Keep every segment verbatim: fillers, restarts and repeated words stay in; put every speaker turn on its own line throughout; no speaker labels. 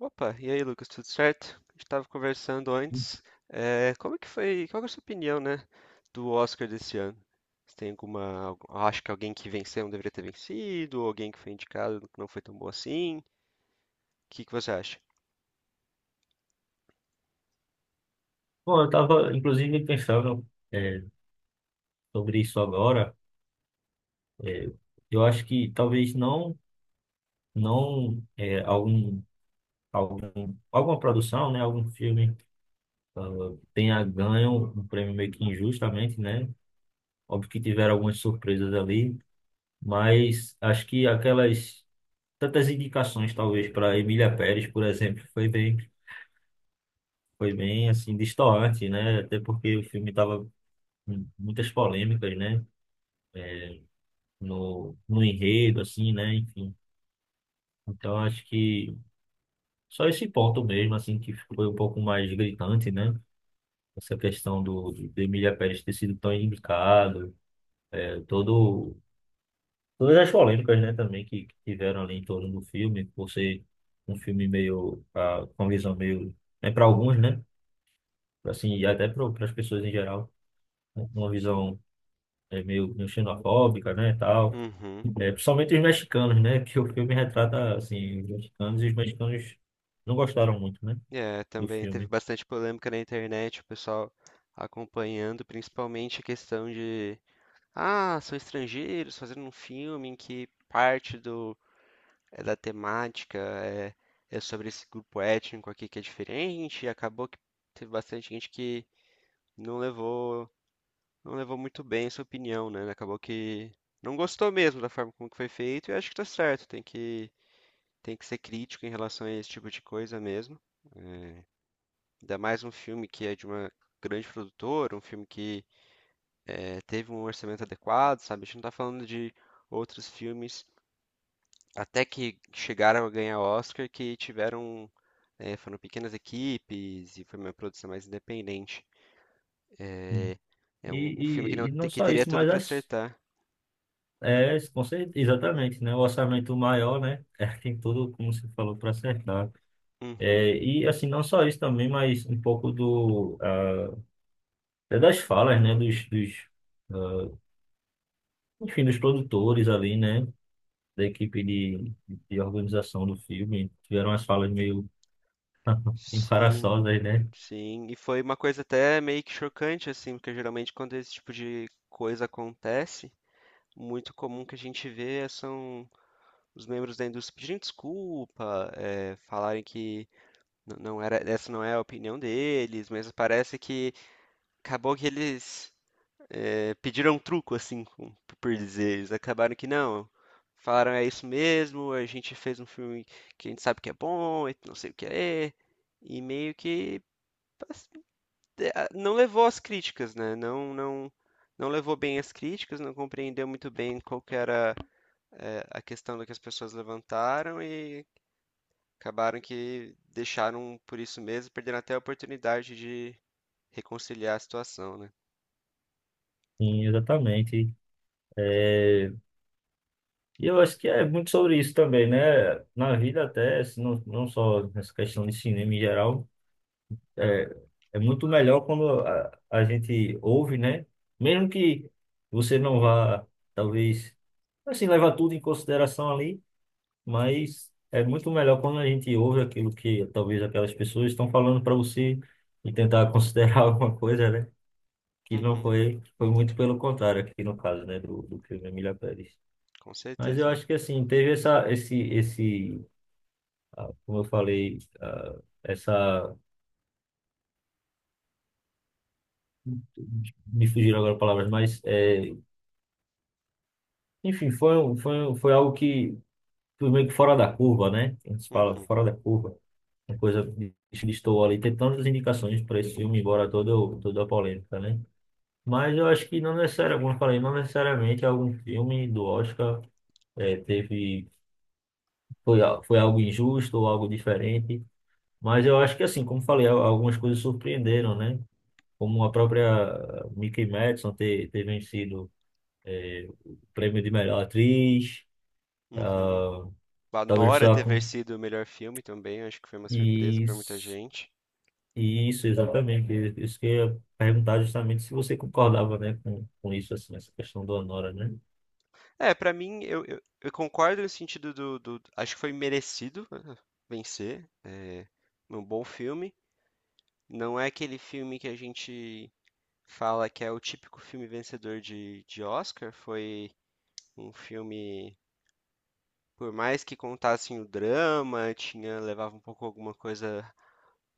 Opa, e aí, Lucas, tudo certo? A gente estava conversando antes. Eh, como que foi? Qual que é a sua opinião, né, do Oscar desse ano? Você tem alguma? algu- Acha que alguém que venceu não deveria ter vencido? Ou alguém que foi indicado que não foi tão bom assim? O que que você acha?
Bom, eu estava inclusive pensando é, sobre isso agora. É, eu acho que talvez não, não é, algum, algum, alguma produção, né, algum filme tenha ganho um prêmio meio que injustamente, né? Óbvio que tiveram algumas surpresas ali, mas acho que aquelas tantas indicações talvez para Emília Pérez, por exemplo, foi bem, foi bem assim destoante, né? Até porque o filme tava com muitas polêmicas, né? No, no enredo, assim, né? Enfim. Então, acho que só esse ponto mesmo, assim, que foi um pouco mais gritante, né? Essa questão do, do Emília Pérez ter sido tão indicado, é, todo, todas as polêmicas, né, também que, que tiveram ali em torno do filme, por ser um filme meio, ah, com uma visão meio, é para alguns, né? Assim, e até para as pessoas em geral, um, uma visão é, meio, meio xenofóbica, né, e tal.
Uhum.
É, principalmente os mexicanos, né? Que o filme retrata, assim, os mexicanos, e os mexicanos não gostaram muito, né,
É,
do
também teve
filme.
bastante polêmica na internet, o pessoal acompanhando, principalmente a questão de, ah, são estrangeiros fazendo um filme em que parte é da temática, é, é sobre esse grupo étnico aqui que é diferente, e acabou que teve bastante gente que não levou, não levou muito bem essa opinião, né? Acabou que não gostou mesmo da forma como que foi feito, e eu acho que tá certo, tem que, tem que ser crítico em relação a esse tipo de coisa mesmo. Ainda mais um filme que é de uma grande produtora, um filme que eh, teve um orçamento adequado, sabe? A gente não tá falando de outros filmes até que chegaram a ganhar Oscar, que tiveram, eh, foram pequenas equipes e foi uma produção mais independente. É, é
E,
um, um filme que
e,
não
e
te-
não
que
só
teria
isso,
tudo
mas
pra
as,
acertar.
é, com certeza, exatamente, né? O orçamento maior, né? É, tem tudo, como você falou, para acertar.
Uhum.
É, e, assim, não só isso também, mas um pouco do, ah, é das falas, né? Dos, dos, ah, enfim, dos produtores ali, né? Da equipe de, de organização do filme. Tiveram umas falas meio
Sim,
embaraçosas, né?
sim. E foi uma coisa até meio que chocante, assim, porque geralmente quando esse tipo de coisa acontece, muito comum que a gente vê é são os membros da indústria pedindo desculpa, eh, falarem que n- não era, essa não é a opinião deles, mas parece que acabou que eles eh, pediram um truco, assim, com- por dizer. Eles acabaram que não, falaram é isso mesmo, a gente fez um filme que a gente sabe que é bom, e não sei o que é, e meio que pass- eh, ah, não levou as críticas, né? Não, não, não levou bem as críticas, não compreendeu muito bem qual que era eh, a questão do que as pessoas levantaram e acabaram que deixaram por isso mesmo, perdendo até a oportunidade de reconciliar a situação, né?
Sim, exatamente. é E eu acho que é muito sobre isso também, né? Na vida até, se não, não só nessa questão de cinema em geral, é, é muito melhor quando a, a gente ouve, né? Mesmo que você não vá, talvez, assim, levar tudo em consideração ali, mas é muito melhor quando a gente ouve aquilo que talvez aquelas pessoas estão falando para você e tentar considerar alguma coisa, né? Que não
Uhum,
foi, foi muito pelo contrário aqui no caso, né? Do, do filme Emília Pérez.
com
Mas eu
certeza.
acho que assim, teve essa, esse, esse, ah, como eu falei, ah, essa, me fugiram agora palavras, mas, é, enfim, foi, um- foi, um- foi algo que foi meio que fora da curva, né? A gente fala
Uhum,
fora da curva, uma coisa que estou ali, tem tantas indicações para esse filme, embora toda, o- toda a polêmica, né? Mas eu acho que não necessariamente, como eu falei, não necessariamente algum filme do Oscar eh, teve, foi, a- foi algo injusto ou algo diferente. Mas eu acho que assim, como falei, al- algumas coisas surpreenderam, né? Como a própria Mickey Madison ter, ter vencido é, o prêmio de melhor atriz.
uhum.
ah,
A
Talvez
Nora
só
ter
com
vencido o melhor filme também, acho que foi uma surpresa pra muita
isso,
gente.
isso exatamente. Isso que eu ia perguntar justamente se você concordava, né, com, com isso assim, essa questão do Anora, né?
É, pra mim, eu, eu, eu concordo no sentido do, do- acho que foi merecido eh, vencer. É um bom filme. Não é aquele filme que a gente fala que é o típico filme vencedor de, de Oscar. Foi um filme, por mais que contassem o drama, tinha, levava um pouco alguma coisa,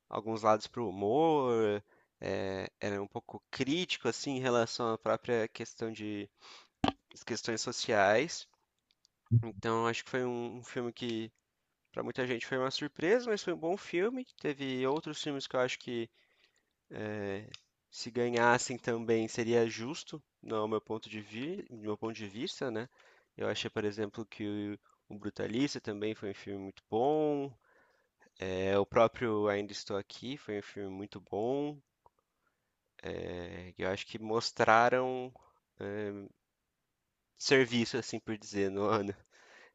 alguns lados pro humor. Eh, era um pouco crítico, assim, em relação à própria questão de as questões sociais. Então, acho que foi um, um filme que, para muita gente, foi uma surpresa, mas foi um bom filme. Teve outros filmes que eu acho que, se ganhassem também, seria justo, no meu ponto de, vi no meu ponto de vista, né? Eu achei, por exemplo, que o, o Brutalista também foi um filme muito bom. É, o próprio Ainda Estou Aqui foi um filme muito bom. É, eu acho que mostraram serviço, assim por dizer, no ano.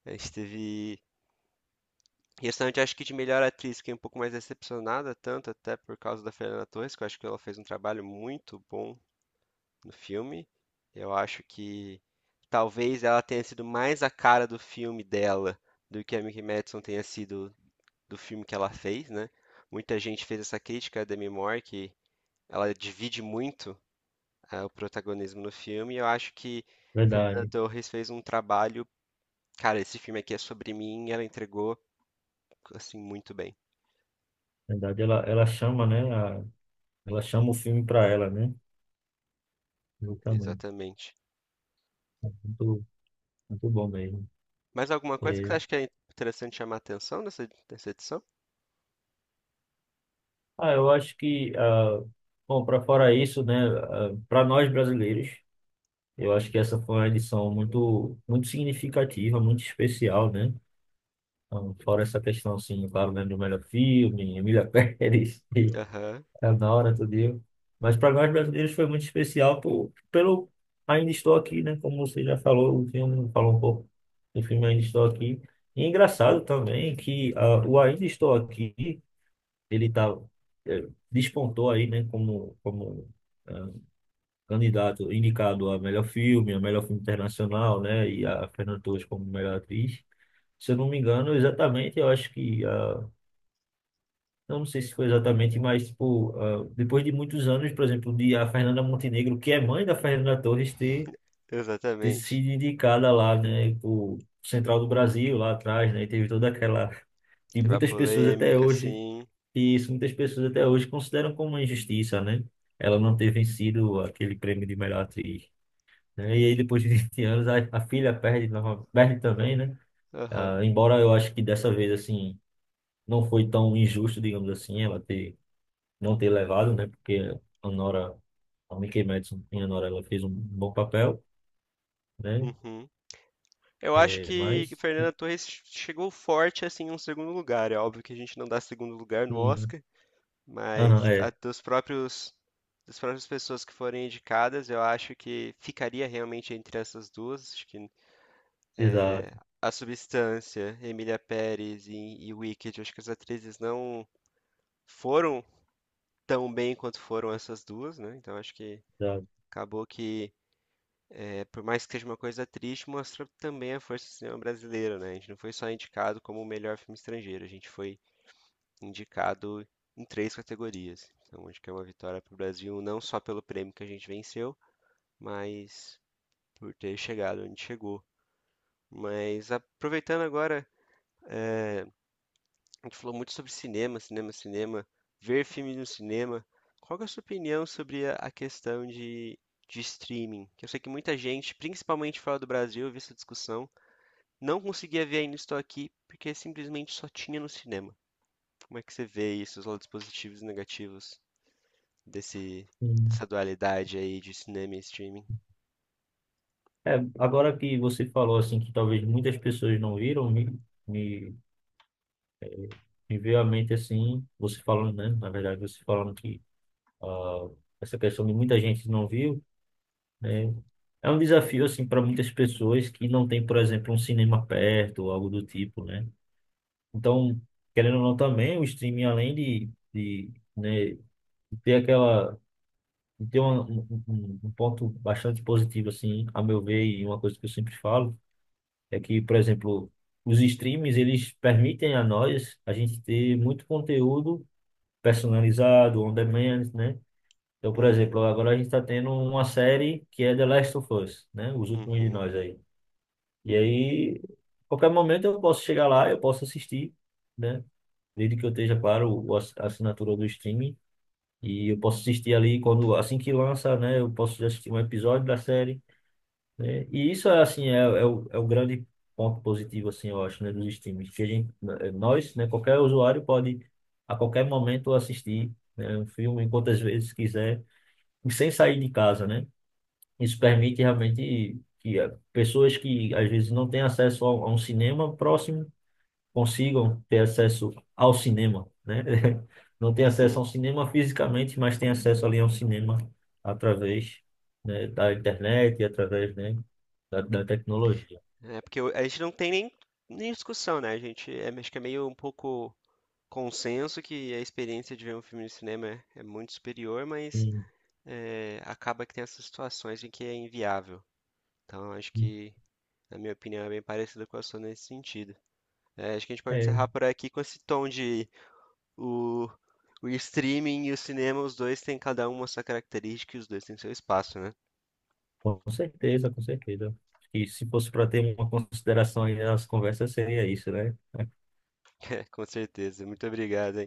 A gente teve restante, acho que de melhor atriz, fiquei um pouco mais decepcionada, tanto até por causa da Fernanda Torres, que eu acho que ela fez um trabalho muito bom no filme. Eu acho que talvez ela tenha sido mais a cara do filme dela do que a Mickey Madison tenha sido do filme que ela fez, né? Muita gente fez essa crítica a Demi Moore, que ela divide muito ah, o protagonismo no filme, e eu acho que Fernanda
Verdade,
Torres fez um trabalho. Cara, esse filme aqui é sobre mim, e ela entregou assim muito bem.
verdade. Ela, ela chama, né? A- ela chama o filme para ela, né? Exatamente.
Exatamente.
Muito, muito bom mesmo.
Mais alguma coisa que
É,
você acha que é interessante chamar a atenção nessa, nessa edição?
ah, eu acho que ah, bom, para fora isso, né, para nós brasileiros, eu acho que essa foi uma edição muito, muito significativa, muito especial, né? Então, fora essa questão, assim, claro, né, do melhor filme, Emília Pérez, e
Aham,
Anora, tudo isso. Mas para nós brasileiros foi muito especial por, pelo Ainda Estou Aqui, né? Como você já falou, o filme falou um pouco do filme Ainda Estou Aqui. E é engraçado também que ah, o Ainda Estou Aqui, ele tá, eh, despontou aí, né? Como, como ah, candidato indicado a melhor filme, a melhor filme internacional, né? E a Fernanda Torres como melhor atriz. Se eu não me engano, exatamente, eu acho que a, eu não sei se foi exatamente, mas tipo, ah, depois de muitos anos, por exemplo, de a Fernanda Montenegro, que é mãe da Fernanda Torres, ter, ter
exatamente.
sido indicada lá, né, por Central do Brasil, lá atrás, né? E teve toda aquela de
Teve a
muitas pessoas até
polêmica,
hoje,
sim.
e isso muitas pessoas até hoje consideram como uma injustiça, né? Ela não ter vencido aquele prêmio de melhor atriz. Né? E aí depois de vinte anos a, a filha perde, nova- perde também, né?
Aham,
Ah, embora eu acho que dessa vez assim não foi tão injusto, digamos assim, ela ter não ter levado, né? Porque a Nora, a Mikey Madison e a Nora, ela fez um bom papel, né?
uhum. Eu acho
É,
que, que
mas
Fernanda Torres chegou forte, assim, em um segundo lugar. É óbvio que a gente não dá segundo lugar no
sim,
Oscar,
aham,
mas a-
é,
dos próprios, das próprias pessoas que forem indicadas, eu acho que ficaria realmente entre essas duas. Acho que
exato,
A Substância, Emília Pérez e, e Wicked, eu acho que as atrizes não foram tão bem quanto foram essas duas, né? Então acho que
exato.
acabou que, é, por mais que seja uma coisa triste, mostra também a força do cinema brasileiro, né? A gente não foi só indicado como o melhor filme estrangeiro, a gente foi indicado em três categorias. Então acho que é uma vitória para o Brasil, não só pelo prêmio que a gente venceu, mas por ter chegado onde chegou. Mas aproveitando agora, a gente falou muito sobre cinema, cinema, cinema, ver filme no cinema. Qual que é a sua opinião sobre a a questão de, de streaming? Que eu sei que muita gente, principalmente fora do Brasil, eu vi essa discussão, não conseguia ver Ainda Estou Aqui porque simplesmente só tinha no cinema. Como é que você vê isso, os lados positivos e negativos desse,
Hum.
dessa dualidade aí de cinema e streaming?
É, agora que você falou assim que talvez muitas pessoas não viram, me, me, me veio à mente assim, você falando, né? Na verdade, você falando que ah, essa questão de muita gente não viu. É, é um desafio assim para muitas pessoas que não tem, por exemplo, um cinema perto ou algo do tipo, né? Então, querendo ou não também, o streaming além de, de, né, de ter aquela de ter uma- um, um- um um ponto bastante positivo assim, a meu ver, e uma coisa que eu sempre falo é que, por exemplo, os streams eles permitem a nós a gente ter muito conteúdo personalizado, on demand, né? Então, por exemplo,
Uhum,
agora a gente está tendo uma série que é The Last of Us, né? Os últimos de
uhum,
nós aí. E aí, qualquer momento eu posso chegar lá, eu posso assistir, né? Desde que eu esteja, claro, o ass- a assinatura do streaming. E eu posso assistir ali quando, assim que lança, né? Eu posso já assistir um episódio da série, né? E isso é, assim, é, é, o, é o grande ponto positivo, assim, eu acho, né? Dos streams. Que a gente, eh, nós, né? Qualquer usuário pode, a qualquer momento, assistir, né, um filme, quantas vezes quiser, e sem sair de casa, né? Isso permite realmente que eh, pessoas que às vezes não têm acesso a um, a um cinema próximo consigam ter acesso ao cinema, né? Não têm acesso
uhum.
a um cinema fisicamente, mas têm acesso ali a um cinema através, né, da internet e através, né, da, da tecnologia.
É porque eu- a gente não tem nem, nem discussão, né? A gente é, acho que é meio um pouco consenso que a experiência de ver um filme no cinema é, é muito superior, mas
Sim.
é, acaba que tem essas situações em que é inviável. Então, acho que, na minha opinião, é bem parecida com a sua nesse sentido. É, acho que a gente pode
É,
encerrar por aqui com esse tom de o, o streaming e o cinema, os dois têm cada um a sua característica e os dois têm seu espaço, né?
com certeza, com certeza. E se fosse para ter uma consideração aí nas conversas, seria isso, né?
Com certeza. Muito obrigado,